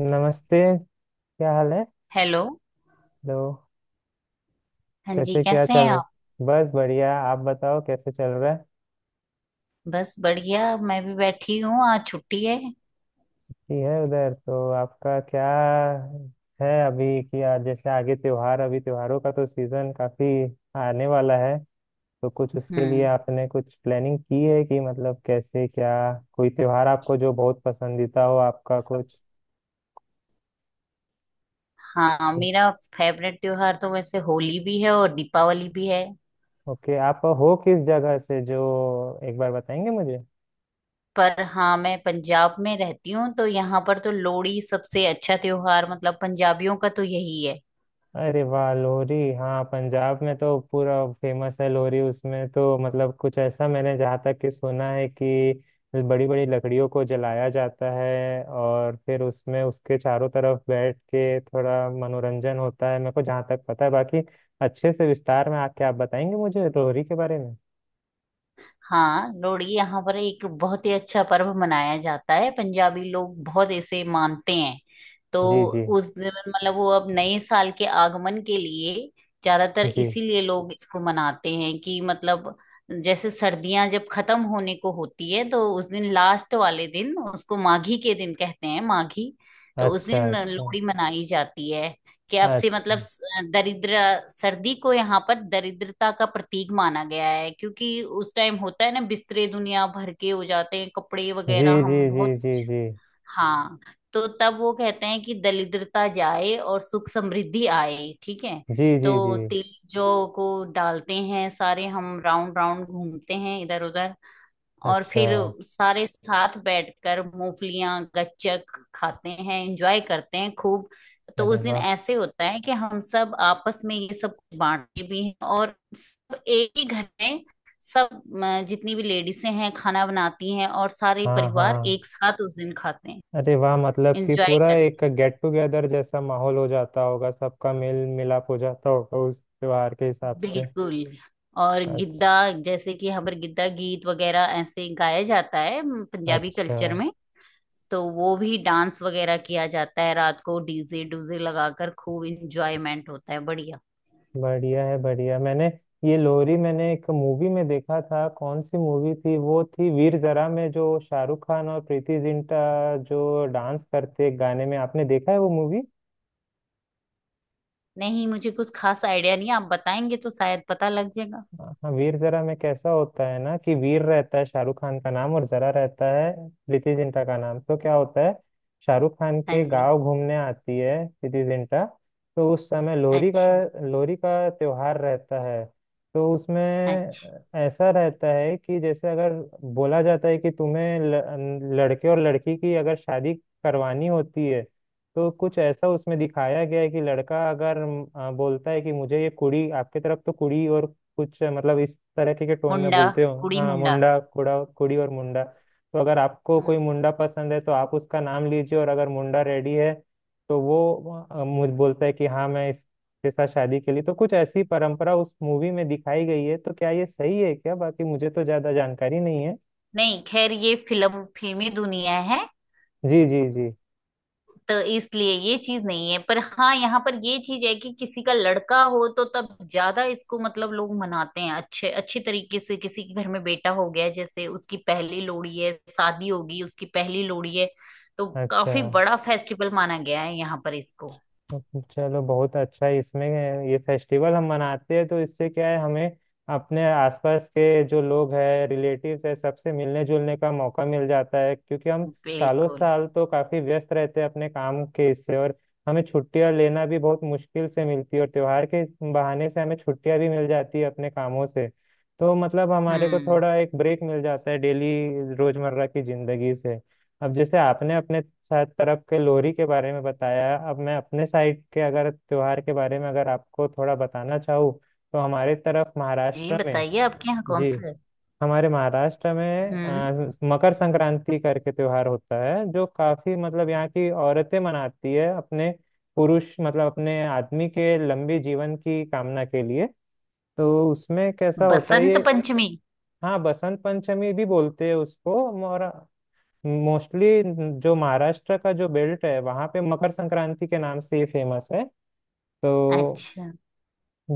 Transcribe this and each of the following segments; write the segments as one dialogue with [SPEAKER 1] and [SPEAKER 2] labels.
[SPEAKER 1] नमस्ते। क्या हाल है?
[SPEAKER 2] हेलो।
[SPEAKER 1] तो
[SPEAKER 2] हाँ जी,
[SPEAKER 1] कैसे, क्या
[SPEAKER 2] कैसे
[SPEAKER 1] चल
[SPEAKER 2] हैं
[SPEAKER 1] रहा?
[SPEAKER 2] आप?
[SPEAKER 1] बस बढ़िया, आप बताओ, कैसे चल रहा है?
[SPEAKER 2] बस बढ़िया, मैं भी बैठी हूँ, आज छुट्टी है।
[SPEAKER 1] कि है उधर, तो आपका क्या है अभी कि जैसे आगे त्योहार, अभी त्योहारों का तो सीजन काफी आने वाला है। तो कुछ उसके लिए
[SPEAKER 2] हम्म।
[SPEAKER 1] आपने कुछ प्लानिंग की है कि मतलब कैसे क्या? कोई त्योहार आपको जो बहुत पसंदीदा हो आपका कुछ?
[SPEAKER 2] हाँ, मेरा फेवरेट त्योहार तो वैसे होली भी है और दीपावली भी है।
[SPEAKER 1] ओके, आप हो किस जगह से, जो एक बार बताएंगे मुझे?
[SPEAKER 2] पर हाँ, मैं पंजाब में रहती हूँ तो यहाँ पर तो लोहड़ी सबसे अच्छा त्योहार, मतलब पंजाबियों का तो यही है।
[SPEAKER 1] अरे वाह, लोहरी, हाँ पंजाब में तो पूरा फेमस है लोहरी। उसमें तो मतलब कुछ ऐसा मैंने जहाँ तक कि सुना है कि बड़ी बड़ी लकड़ियों को जलाया जाता है और फिर उसमें उसके चारों तरफ बैठ के थोड़ा मनोरंजन होता है, मेरे को जहाँ तक पता है। बाकी अच्छे से विस्तार में आके आप बताएंगे मुझे लोहरी के बारे में।
[SPEAKER 2] हाँ, लोहड़ी यहाँ पर एक बहुत ही अच्छा पर्व मनाया जाता है, पंजाबी लोग बहुत इसे मानते हैं। तो
[SPEAKER 1] जी जी
[SPEAKER 2] उस दिन मतलब वो अब नए साल के आगमन के लिए ज्यादातर
[SPEAKER 1] जी।
[SPEAKER 2] इसीलिए लोग इसको मनाते हैं, कि मतलब जैसे सर्दियां जब खत्म होने को होती है तो उस दिन लास्ट वाले दिन उसको माघी के दिन कहते हैं, माघी। तो उस
[SPEAKER 1] अच्छा,
[SPEAKER 2] दिन
[SPEAKER 1] अच्छा,
[SPEAKER 2] लोहड़ी मनाई जाती है कि अब से मतलब
[SPEAKER 1] अच्छा।
[SPEAKER 2] दरिद्र सर्दी को यहाँ पर दरिद्रता का प्रतीक माना गया है, क्योंकि उस टाइम होता है ना, बिस्तरे दुनिया भर के हो जाते हैं, कपड़े
[SPEAKER 1] जी
[SPEAKER 2] वगैरह
[SPEAKER 1] जी
[SPEAKER 2] हम
[SPEAKER 1] जी
[SPEAKER 2] बहुत
[SPEAKER 1] जी
[SPEAKER 2] कुछ।
[SPEAKER 1] जी।
[SPEAKER 2] हाँ। तो तब वो कहते हैं कि दरिद्रता जाए और सुख समृद्धि आए, ठीक है।
[SPEAKER 1] जी जी जी।
[SPEAKER 2] तो तिल जौ को डालते हैं, सारे हम राउंड राउंड घूमते हैं इधर उधर, और
[SPEAKER 1] अच्छा।
[SPEAKER 2] फिर सारे साथ बैठकर मूंगफलियां गच्चक खाते हैं, एंजॉय करते हैं खूब। तो
[SPEAKER 1] अरे
[SPEAKER 2] उस दिन
[SPEAKER 1] वाह।
[SPEAKER 2] ऐसे होता है कि हम सब आपस में ये सब कुछ बांटते भी हैं और सब एक ही घर में, सब जितनी भी लेडीसें हैं खाना बनाती हैं और सारे
[SPEAKER 1] हाँ
[SPEAKER 2] परिवार
[SPEAKER 1] हाँ।
[SPEAKER 2] एक साथ उस दिन खाते हैं।
[SPEAKER 1] अरे वाह, मतलब कि
[SPEAKER 2] एंजॉय
[SPEAKER 1] पूरा एक
[SPEAKER 2] करते
[SPEAKER 1] गेट टुगेदर जैसा माहौल हो जाता होगा, सबका मेल मिलाप हो जाता होगा उस त्योहार के हिसाब
[SPEAKER 2] हैं
[SPEAKER 1] से।
[SPEAKER 2] बिल्कुल। और
[SPEAKER 1] अच्छा,
[SPEAKER 2] गिद्दा, जैसे कि हमारे गिद्दा गीत वगैरह ऐसे गाया जाता है पंजाबी
[SPEAKER 1] अच्छा।
[SPEAKER 2] कल्चर में। तो वो भी डांस वगैरह किया जाता है, रात को डीजे डूजे लगाकर खूब इंजॉयमेंट होता है, बढ़िया।
[SPEAKER 1] बढ़िया है, बढ़िया। मैंने ये लोरी मैंने एक मूवी में देखा था। कौन सी मूवी थी? वो थी वीर जरा, में जो शाहरुख खान और प्रीति जिंटा जो डांस करते एक गाने में, आपने देखा है वो मूवी?
[SPEAKER 2] नहीं, मुझे कुछ खास आइडिया नहीं है, आप बताएंगे तो शायद पता लग जाएगा।
[SPEAKER 1] हाँ वीर जरा में कैसा होता है ना, कि वीर रहता है शाहरुख खान का नाम और जरा रहता है प्रीति जिंटा का नाम। तो क्या होता है, शाहरुख खान
[SPEAKER 2] हाँ
[SPEAKER 1] के
[SPEAKER 2] जी।
[SPEAKER 1] गांव घूमने आती है प्रीति जिंटा। तो उस समय लोहरी का,
[SPEAKER 2] अच्छा
[SPEAKER 1] लोहरी का त्योहार रहता है। तो उसमें
[SPEAKER 2] अच्छा।
[SPEAKER 1] ऐसा रहता है कि जैसे अगर बोला जाता है कि तुम्हें लड़के और लड़की की अगर शादी करवानी होती है, तो कुछ ऐसा उसमें दिखाया गया है कि लड़का अगर बोलता है कि मुझे ये कुड़ी आपके तरफ, तो कुड़ी और कुछ मतलब इस तरह के टोन में
[SPEAKER 2] मुंडा
[SPEAKER 1] बोलते हो
[SPEAKER 2] कुड़ी
[SPEAKER 1] हाँ,
[SPEAKER 2] मुंडा।
[SPEAKER 1] मुंडा कुड़ा कुड़ी और मुंडा। तो अगर आपको
[SPEAKER 2] हम्म।
[SPEAKER 1] कोई मुंडा पसंद है, तो आप उसका नाम लीजिए, और अगर मुंडा रेडी है तो वो मुझ बोलता है कि हाँ, मैं इसके साथ शादी के लिए। तो कुछ ऐसी परंपरा उस मूवी में दिखाई गई है। तो क्या ये सही है क्या? बाकी मुझे तो ज्यादा जानकारी नहीं है।
[SPEAKER 2] नहीं, खैर ये फिल्म फिल्मी दुनिया है,
[SPEAKER 1] जी जी जी।
[SPEAKER 2] तो इसलिए ये चीज नहीं है। पर हाँ, यहाँ पर ये चीज है कि किसी का लड़का हो तो तब ज्यादा इसको मतलब लोग मनाते हैं अच्छे अच्छे तरीके से। किसी के घर में बेटा हो गया, जैसे उसकी पहली लोहड़ी है, शादी होगी उसकी पहली लोहड़ी है, तो
[SPEAKER 1] अच्छा।
[SPEAKER 2] काफी बड़ा फेस्टिवल माना गया है यहाँ पर इसको।
[SPEAKER 1] चलो बहुत अच्छा है। इसमें ये फेस्टिवल हम मनाते हैं, तो इससे क्या है, हमें अपने आसपास के जो लोग हैं, रिलेटिव्स है, सबसे मिलने जुलने का मौका मिल जाता है। क्योंकि हम सालों
[SPEAKER 2] बिल्कुल।
[SPEAKER 1] साल तो काफी व्यस्त रहते हैं अपने काम के इससे, और हमें छुट्टियां लेना भी बहुत मुश्किल से मिलती है, और त्योहार के इस बहाने से हमें छुट्टियां भी मिल जाती है अपने कामों से। तो मतलब हमारे को
[SPEAKER 2] हम्म।
[SPEAKER 1] थोड़ा एक ब्रेक मिल जाता है डेली रोजमर्रा की जिंदगी से। अब जैसे आपने अपने साइड तरफ के लोरी के बारे में बताया, अब मैं अपने साइड के अगर त्योहार के बारे में अगर आपको थोड़ा बताना चाहूँ, तो हमारे तरफ
[SPEAKER 2] जी,
[SPEAKER 1] महाराष्ट्र में।
[SPEAKER 2] बताइए आपके यहाँ कौन
[SPEAKER 1] जी।
[SPEAKER 2] सा है।
[SPEAKER 1] हमारे महाराष्ट्र में
[SPEAKER 2] हम्म।
[SPEAKER 1] मकर संक्रांति करके त्योहार होता है, जो काफी मतलब यहाँ की औरतें मनाती है अपने पुरुष, मतलब अपने आदमी के लंबे जीवन की कामना के लिए। तो उसमें कैसा होता है
[SPEAKER 2] बसंत
[SPEAKER 1] ये।
[SPEAKER 2] पंचमी।
[SPEAKER 1] हाँ, बसंत पंचमी भी बोलते हैं उसको। और मोस्टली जो महाराष्ट्र का जो बेल्ट है, वहाँ पे मकर संक्रांति के नाम से ही फेमस है। तो
[SPEAKER 2] अच्छा।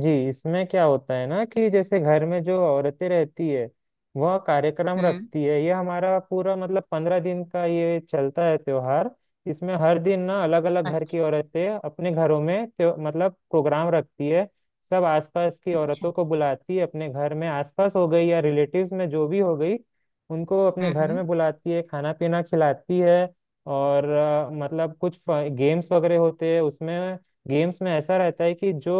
[SPEAKER 1] जी, इसमें क्या होता है ना, कि जैसे घर में जो औरतें रहती है, वह कार्यक्रम
[SPEAKER 2] हम्म।
[SPEAKER 1] रखती है। ये हमारा पूरा मतलब पंद्रह दिन का ये चलता है त्योहार। इसमें हर दिन ना अलग अलग घर
[SPEAKER 2] अच्छा।
[SPEAKER 1] की औरतें अपने घरों में मतलब प्रोग्राम रखती है। सब आसपास की
[SPEAKER 2] अच्छा।
[SPEAKER 1] औरतों को बुलाती है अपने घर में, आसपास हो गई या रिलेटिव्स में जो भी हो गई, उनको अपने
[SPEAKER 2] हम्म।
[SPEAKER 1] घर
[SPEAKER 2] हम्म।
[SPEAKER 1] में बुलाती है, खाना पीना खिलाती है। और मतलब कुछ गेम्स वगैरह होते हैं उसमें। गेम्स में ऐसा रहता है कि जो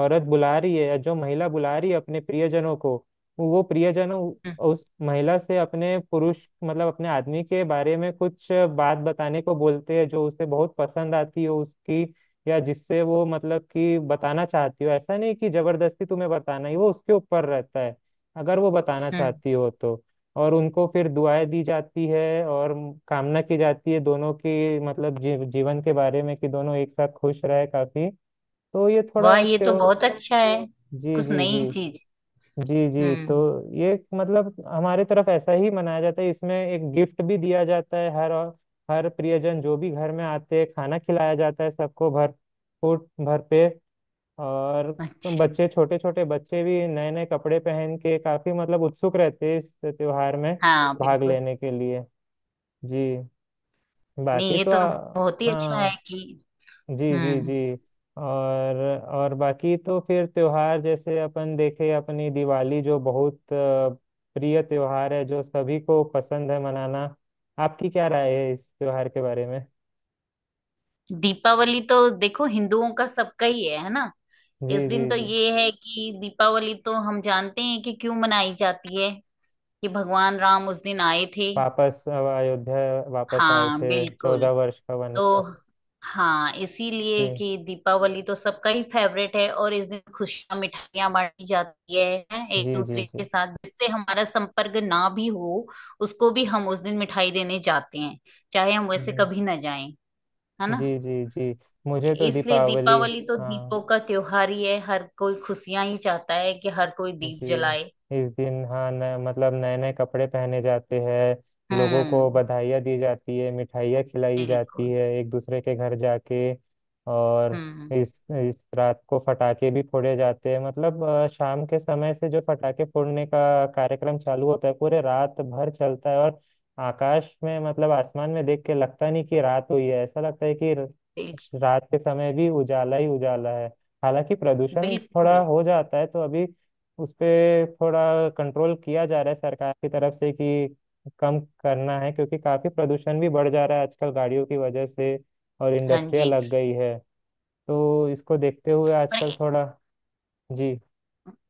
[SPEAKER 1] औरत बुला रही है, या जो महिला बुला रही है अपने प्रियजनों को, वो प्रियजन
[SPEAKER 2] हम्म।
[SPEAKER 1] उस महिला से अपने पुरुष मतलब अपने आदमी के बारे में कुछ बात बताने को बोलते हैं, जो उसे बहुत पसंद आती हो उसकी, या जिससे वो मतलब कि बताना चाहती हो। ऐसा नहीं कि जबरदस्ती तुम्हें बताना ही, वो उसके ऊपर रहता है, अगर वो बताना
[SPEAKER 2] हम्म।
[SPEAKER 1] चाहती हो तो। और उनको फिर दुआएं दी जाती है, और कामना की जाती है दोनों की, मतलब जीवन के बारे में, कि दोनों एक साथ खुश रहे काफी। तो ये थोड़ा
[SPEAKER 2] वाह,
[SPEAKER 1] एक
[SPEAKER 2] ये तो
[SPEAKER 1] त्यो।
[SPEAKER 2] बहुत अच्छा है।
[SPEAKER 1] जी
[SPEAKER 2] कुछ
[SPEAKER 1] जी जी।
[SPEAKER 2] नई चीज।
[SPEAKER 1] जी जी। तो
[SPEAKER 2] हम्म।
[SPEAKER 1] ये मतलब हमारे तरफ ऐसा ही मनाया जाता है। इसमें एक गिफ्ट भी दिया जाता है हर हर प्रियजन जो भी घर में आते हैं, खाना खिलाया जाता है सबको भर फूट भर पे। और
[SPEAKER 2] अच्छा।
[SPEAKER 1] बच्चे, छोटे छोटे बच्चे भी नए नए कपड़े पहन के काफी मतलब उत्सुक रहते हैं इस त्योहार में
[SPEAKER 2] हाँ
[SPEAKER 1] भाग
[SPEAKER 2] बिल्कुल।
[SPEAKER 1] लेने के लिए। जी।
[SPEAKER 2] नहीं,
[SPEAKER 1] बाकी
[SPEAKER 2] ये
[SPEAKER 1] तो
[SPEAKER 2] तो
[SPEAKER 1] आ,
[SPEAKER 2] बहुत ही अच्छा
[SPEAKER 1] हाँ।
[SPEAKER 2] है कि।
[SPEAKER 1] जी जी
[SPEAKER 2] हम्म।
[SPEAKER 1] जी। और और बाकी तो फिर त्योहार जैसे अपन देखे अपनी दिवाली, जो बहुत प्रिय त्योहार है, जो सभी को पसंद है मनाना। आपकी क्या राय है इस त्योहार के बारे में?
[SPEAKER 2] दीपावली तो देखो हिंदुओं का सबका ही है ना।
[SPEAKER 1] जी
[SPEAKER 2] इस
[SPEAKER 1] जी
[SPEAKER 2] दिन तो
[SPEAKER 1] जी।
[SPEAKER 2] ये है कि दीपावली तो हम जानते हैं कि क्यों मनाई जाती है, कि भगवान राम उस दिन आए थे।
[SPEAKER 1] वापस अब अयोध्या वापस आए
[SPEAKER 2] हाँ
[SPEAKER 1] थे, चौदह
[SPEAKER 2] बिल्कुल।
[SPEAKER 1] वर्ष का
[SPEAKER 2] तो
[SPEAKER 1] वनवास।
[SPEAKER 2] हाँ, इसीलिए
[SPEAKER 1] जी
[SPEAKER 2] कि दीपावली तो सबका ही फेवरेट है, और इस दिन खुशियां मिठाइयां बांटी जाती है हैं, एक
[SPEAKER 1] जी जी।
[SPEAKER 2] दूसरे
[SPEAKER 1] जी
[SPEAKER 2] के साथ। जिससे हमारा संपर्क ना भी हो, उसको भी हम उस दिन मिठाई देने जाते हैं, चाहे हम
[SPEAKER 1] जी
[SPEAKER 2] वैसे कभी ना जाएं, है ना।
[SPEAKER 1] जी। जी जी। मुझे तो
[SPEAKER 2] इसलिए
[SPEAKER 1] दीपावली।
[SPEAKER 2] दीपावली तो दीपों
[SPEAKER 1] हाँ
[SPEAKER 2] का त्योहार ही है, हर कोई खुशियां ही चाहता है कि हर कोई दीप
[SPEAKER 1] जी।
[SPEAKER 2] जलाए।
[SPEAKER 1] इस दिन हाँ न, मतलब नए नए कपड़े पहने जाते हैं, लोगों को
[SPEAKER 2] हम्म,
[SPEAKER 1] बधाइयाँ दी जाती है, मिठाइयाँ खिलाई जाती
[SPEAKER 2] बिल्कुल।
[SPEAKER 1] है एक दूसरे के घर जाके। और
[SPEAKER 2] हम्म।
[SPEAKER 1] इस इस रात को फटाके भी फोड़े जाते हैं, मतलब शाम के समय से जो फटाके फोड़ने का कार्यक्रम चालू होता है, पूरे रात भर चलता है। और आकाश में मतलब आसमान में देख के लगता नहीं कि रात हुई है, ऐसा लगता है कि
[SPEAKER 2] बिल-
[SPEAKER 1] रात के समय भी उजाला ही उजाला है। हालांकि प्रदूषण थोड़ा
[SPEAKER 2] बिल्कुल।
[SPEAKER 1] हो जाता है, तो अभी उस पे थोड़ा कंट्रोल किया जा रहा है सरकार की तरफ से, कि कम करना है, क्योंकि काफी प्रदूषण भी बढ़ जा रहा है आजकल गाड़ियों की वजह से और
[SPEAKER 2] हाँ
[SPEAKER 1] इंडस्ट्रिया
[SPEAKER 2] जी।
[SPEAKER 1] लग गई है। तो इसको देखते हुए
[SPEAKER 2] पर
[SPEAKER 1] आजकल थोड़ा। जी।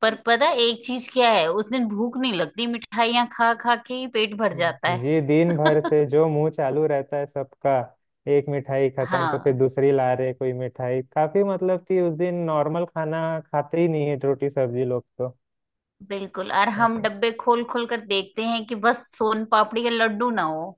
[SPEAKER 2] पर पता है एक चीज क्या है, उस दिन भूख नहीं लगती, मिठाइयाँ खा खा के ही पेट भर जाता है।
[SPEAKER 1] जी दिन भर से जो मुंह चालू रहता है सबका, एक मिठाई खत्म तो फिर
[SPEAKER 2] हाँ
[SPEAKER 1] दूसरी ला रहे कोई मिठाई, काफी मतलब कि उस दिन नॉर्मल खाना खाते ही नहीं है रोटी सब्जी लोग।
[SPEAKER 2] बिल्कुल। और हम
[SPEAKER 1] तो
[SPEAKER 2] डब्बे खोल खोल कर देखते हैं कि बस सोन पापड़ी या लड्डू ना हो।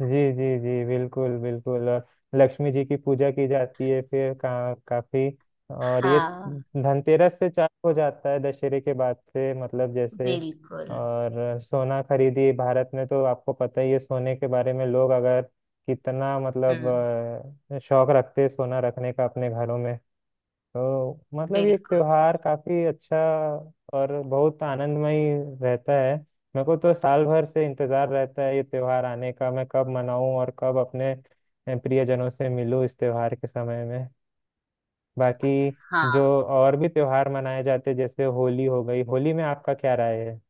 [SPEAKER 1] जी जी जी, बिल्कुल बिल्कुल। और लक्ष्मी जी की पूजा की जाती है फिर काफी। और ये
[SPEAKER 2] हाँ।
[SPEAKER 1] धनतेरस से चालू हो जाता है दशहरे के बाद से, मतलब जैसे।
[SPEAKER 2] बिल्कुल।
[SPEAKER 1] और सोना खरीदी भारत में तो आपको पता ही है, सोने के बारे में लोग अगर कितना मतलब
[SPEAKER 2] हम्म।
[SPEAKER 1] शौक रखते हैं सोना रखने का अपने घरों में। तो मतलब ये
[SPEAKER 2] बिल्कुल।
[SPEAKER 1] त्योहार काफी अच्छा और बहुत आनंदमय रहता है। मेरे को तो साल भर से इंतजार रहता है ये त्योहार आने का, मैं कब मनाऊं और कब अपने प्रियजनों से मिलूं इस त्योहार के समय में। बाकी जो
[SPEAKER 2] हाँ।
[SPEAKER 1] और भी त्योहार मनाए जाते हैं, जैसे होली हो गई, होली में आपका क्या राय है?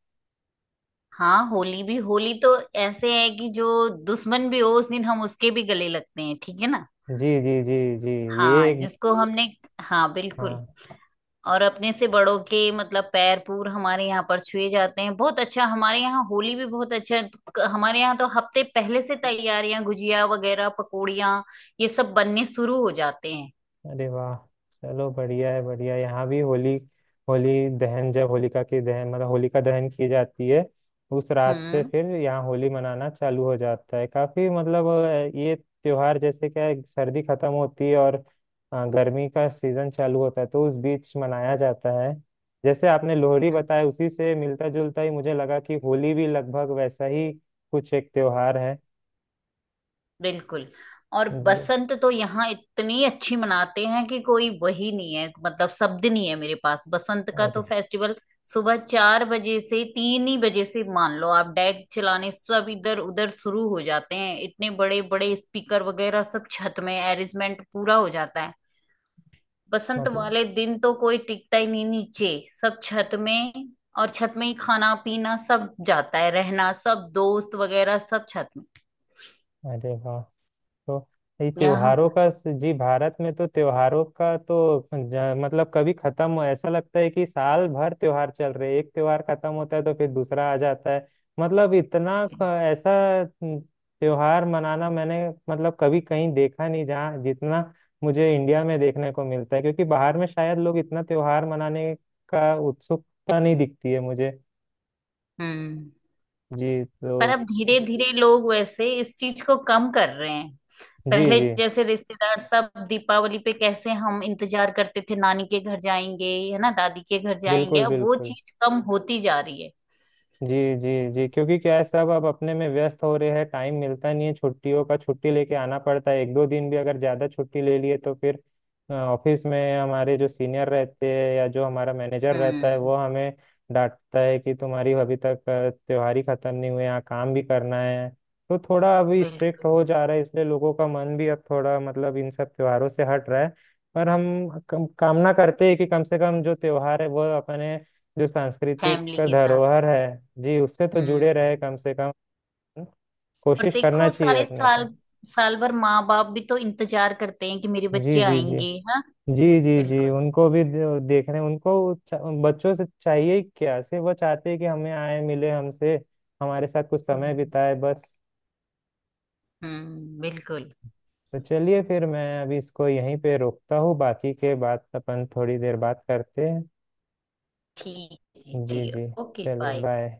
[SPEAKER 2] हाँ, होली भी, होली तो ऐसे है कि जो दुश्मन भी हो उस दिन हम उसके भी गले लगते हैं, ठीक है ना।
[SPEAKER 1] जी जी जी। जी। ये
[SPEAKER 2] हाँ,
[SPEAKER 1] एक।
[SPEAKER 2] जिसको हमने। हाँ बिल्कुल।
[SPEAKER 1] हाँ।
[SPEAKER 2] और अपने से बड़ों के मतलब पैर पूर हमारे यहाँ पर छुए जाते हैं। बहुत अच्छा, हमारे यहाँ होली भी बहुत अच्छा है। हमारे यहाँ तो हफ्ते पहले से तैयारियां, गुजिया वगैरह, पकौड़ियाँ, ये सब बनने शुरू हो जाते हैं।
[SPEAKER 1] अरे वाह। चलो बढ़िया है बढ़िया है। यहाँ भी होली, होली दहन जब होलिका की दहन मतलब होलिका दहन की जाती है, उस रात से
[SPEAKER 2] हम्म।
[SPEAKER 1] फिर यहाँ होली मनाना चालू हो जाता है। काफी मतलब ये त्योहार जैसे क्या है, सर्दी खत्म होती है और गर्मी का सीजन चालू होता है तो उस बीच मनाया जाता है। जैसे आपने लोहड़ी
[SPEAKER 2] हम्म।
[SPEAKER 1] बताया, उसी से मिलता जुलता ही मुझे लगा कि होली भी लगभग वैसा ही कुछ एक त्योहार है।
[SPEAKER 2] बिल्कुल। और
[SPEAKER 1] जी।
[SPEAKER 2] बसंत तो यहाँ इतनी अच्छी मनाते हैं कि कोई, वही नहीं है, मतलब शब्द नहीं है मेरे पास बसंत का। तो
[SPEAKER 1] अरे,
[SPEAKER 2] फेस्टिवल सुबह 4 बजे से, 3 ही बजे से मान लो, आप डेक चलाने सब इधर उधर शुरू हो जाते हैं, इतने बड़े बड़े स्पीकर वगैरह सब छत में, अरेंजमेंट पूरा हो जाता है। बसंत
[SPEAKER 1] मतलब,
[SPEAKER 2] वाले दिन तो कोई टिकता ही नहीं नीचे, सब छत में। और छत में ही खाना पीना सब जाता है, रहना सब दोस्त वगैरह सब छत में।
[SPEAKER 1] अरे वाह। तो ये
[SPEAKER 2] यहाँ।
[SPEAKER 1] त्योहारों का जी, भारत में तो त्योहारों का तो मतलब कभी खत्म हो ऐसा लगता है कि साल भर त्योहार चल रहे हैं। एक त्योहार खत्म होता है तो फिर दूसरा आ जाता है, मतलब इतना ऐसा न- त्योहार मनाना मैंने मतलब कभी कहीं देखा नहीं, जहाँ जितना मुझे इंडिया में देखने को मिलता है, क्योंकि बाहर में शायद लोग इतना त्योहार मनाने का उत्सुकता नहीं दिखती है मुझे।
[SPEAKER 2] हम्म।
[SPEAKER 1] जी
[SPEAKER 2] पर
[SPEAKER 1] तो
[SPEAKER 2] अब धीरे धीरे लोग वैसे इस चीज को कम कर रहे हैं।
[SPEAKER 1] जी
[SPEAKER 2] पहले
[SPEAKER 1] जी
[SPEAKER 2] जैसे रिश्तेदार सब दीपावली पे कैसे हम इंतजार करते थे नानी के घर जाएंगे, है ना, दादी के घर जाएंगे,
[SPEAKER 1] बिल्कुल
[SPEAKER 2] अब वो
[SPEAKER 1] बिल्कुल।
[SPEAKER 2] चीज कम होती जा रही है।
[SPEAKER 1] जी जी जी। क्योंकि क्या है, सब अब अपने में व्यस्त हो रहे हैं, टाइम मिलता नहीं है, छुट्टियों का छुट्टी लेके आना पड़ता है। एक दो दिन भी अगर ज़्यादा छुट्टी ले लिए तो फिर ऑफिस में हमारे जो सीनियर रहते हैं या जो हमारा मैनेजर रहता है,
[SPEAKER 2] हम्म।
[SPEAKER 1] वो हमें डांटता है कि तुम्हारी अभी तक त्योहार ही खत्म नहीं हुए, यहाँ काम भी करना है। तो थोड़ा अभी स्ट्रिक्ट
[SPEAKER 2] बिल्कुल।
[SPEAKER 1] हो जा रहा है, इसलिए लोगों का मन भी अब थोड़ा मतलब इन सब त्योहारों से हट रहा है। पर हम कामना करते हैं कि कम से कम जो त्योहार है वो अपने जो सांस्कृतिक
[SPEAKER 2] फैमिली के साथ।
[SPEAKER 1] धरोहर है, जी उससे तो
[SPEAKER 2] हम्म।
[SPEAKER 1] जुड़े रहे कम से कम,
[SPEAKER 2] और
[SPEAKER 1] कोशिश करना
[SPEAKER 2] देखो
[SPEAKER 1] चाहिए
[SPEAKER 2] सारे
[SPEAKER 1] अपने को।
[SPEAKER 2] साल, साल भर माँ बाप भी तो इंतजार करते हैं कि मेरे
[SPEAKER 1] जी
[SPEAKER 2] बच्चे
[SPEAKER 1] जी जी।
[SPEAKER 2] आएंगे। हाँ
[SPEAKER 1] जी जी जी
[SPEAKER 2] बिल्कुल।
[SPEAKER 1] उनको भी देखने उनको, बच्चों से चाहिए ही क्या, सिर्फ वो चाहते हैं कि हमें आए मिले हमसे, हमारे साथ कुछ समय
[SPEAKER 2] हम्म।
[SPEAKER 1] बिताए बस।
[SPEAKER 2] बिल्कुल।
[SPEAKER 1] तो चलिए फिर मैं अभी इसको यहीं पे रोकता हूँ, बाकी के बात अपन थोड़ी देर बात करते हैं।
[SPEAKER 2] ठीक है जी,
[SPEAKER 1] जी
[SPEAKER 2] चलिए।
[SPEAKER 1] जी।
[SPEAKER 2] ओके
[SPEAKER 1] चलिए
[SPEAKER 2] बाय।
[SPEAKER 1] बाय।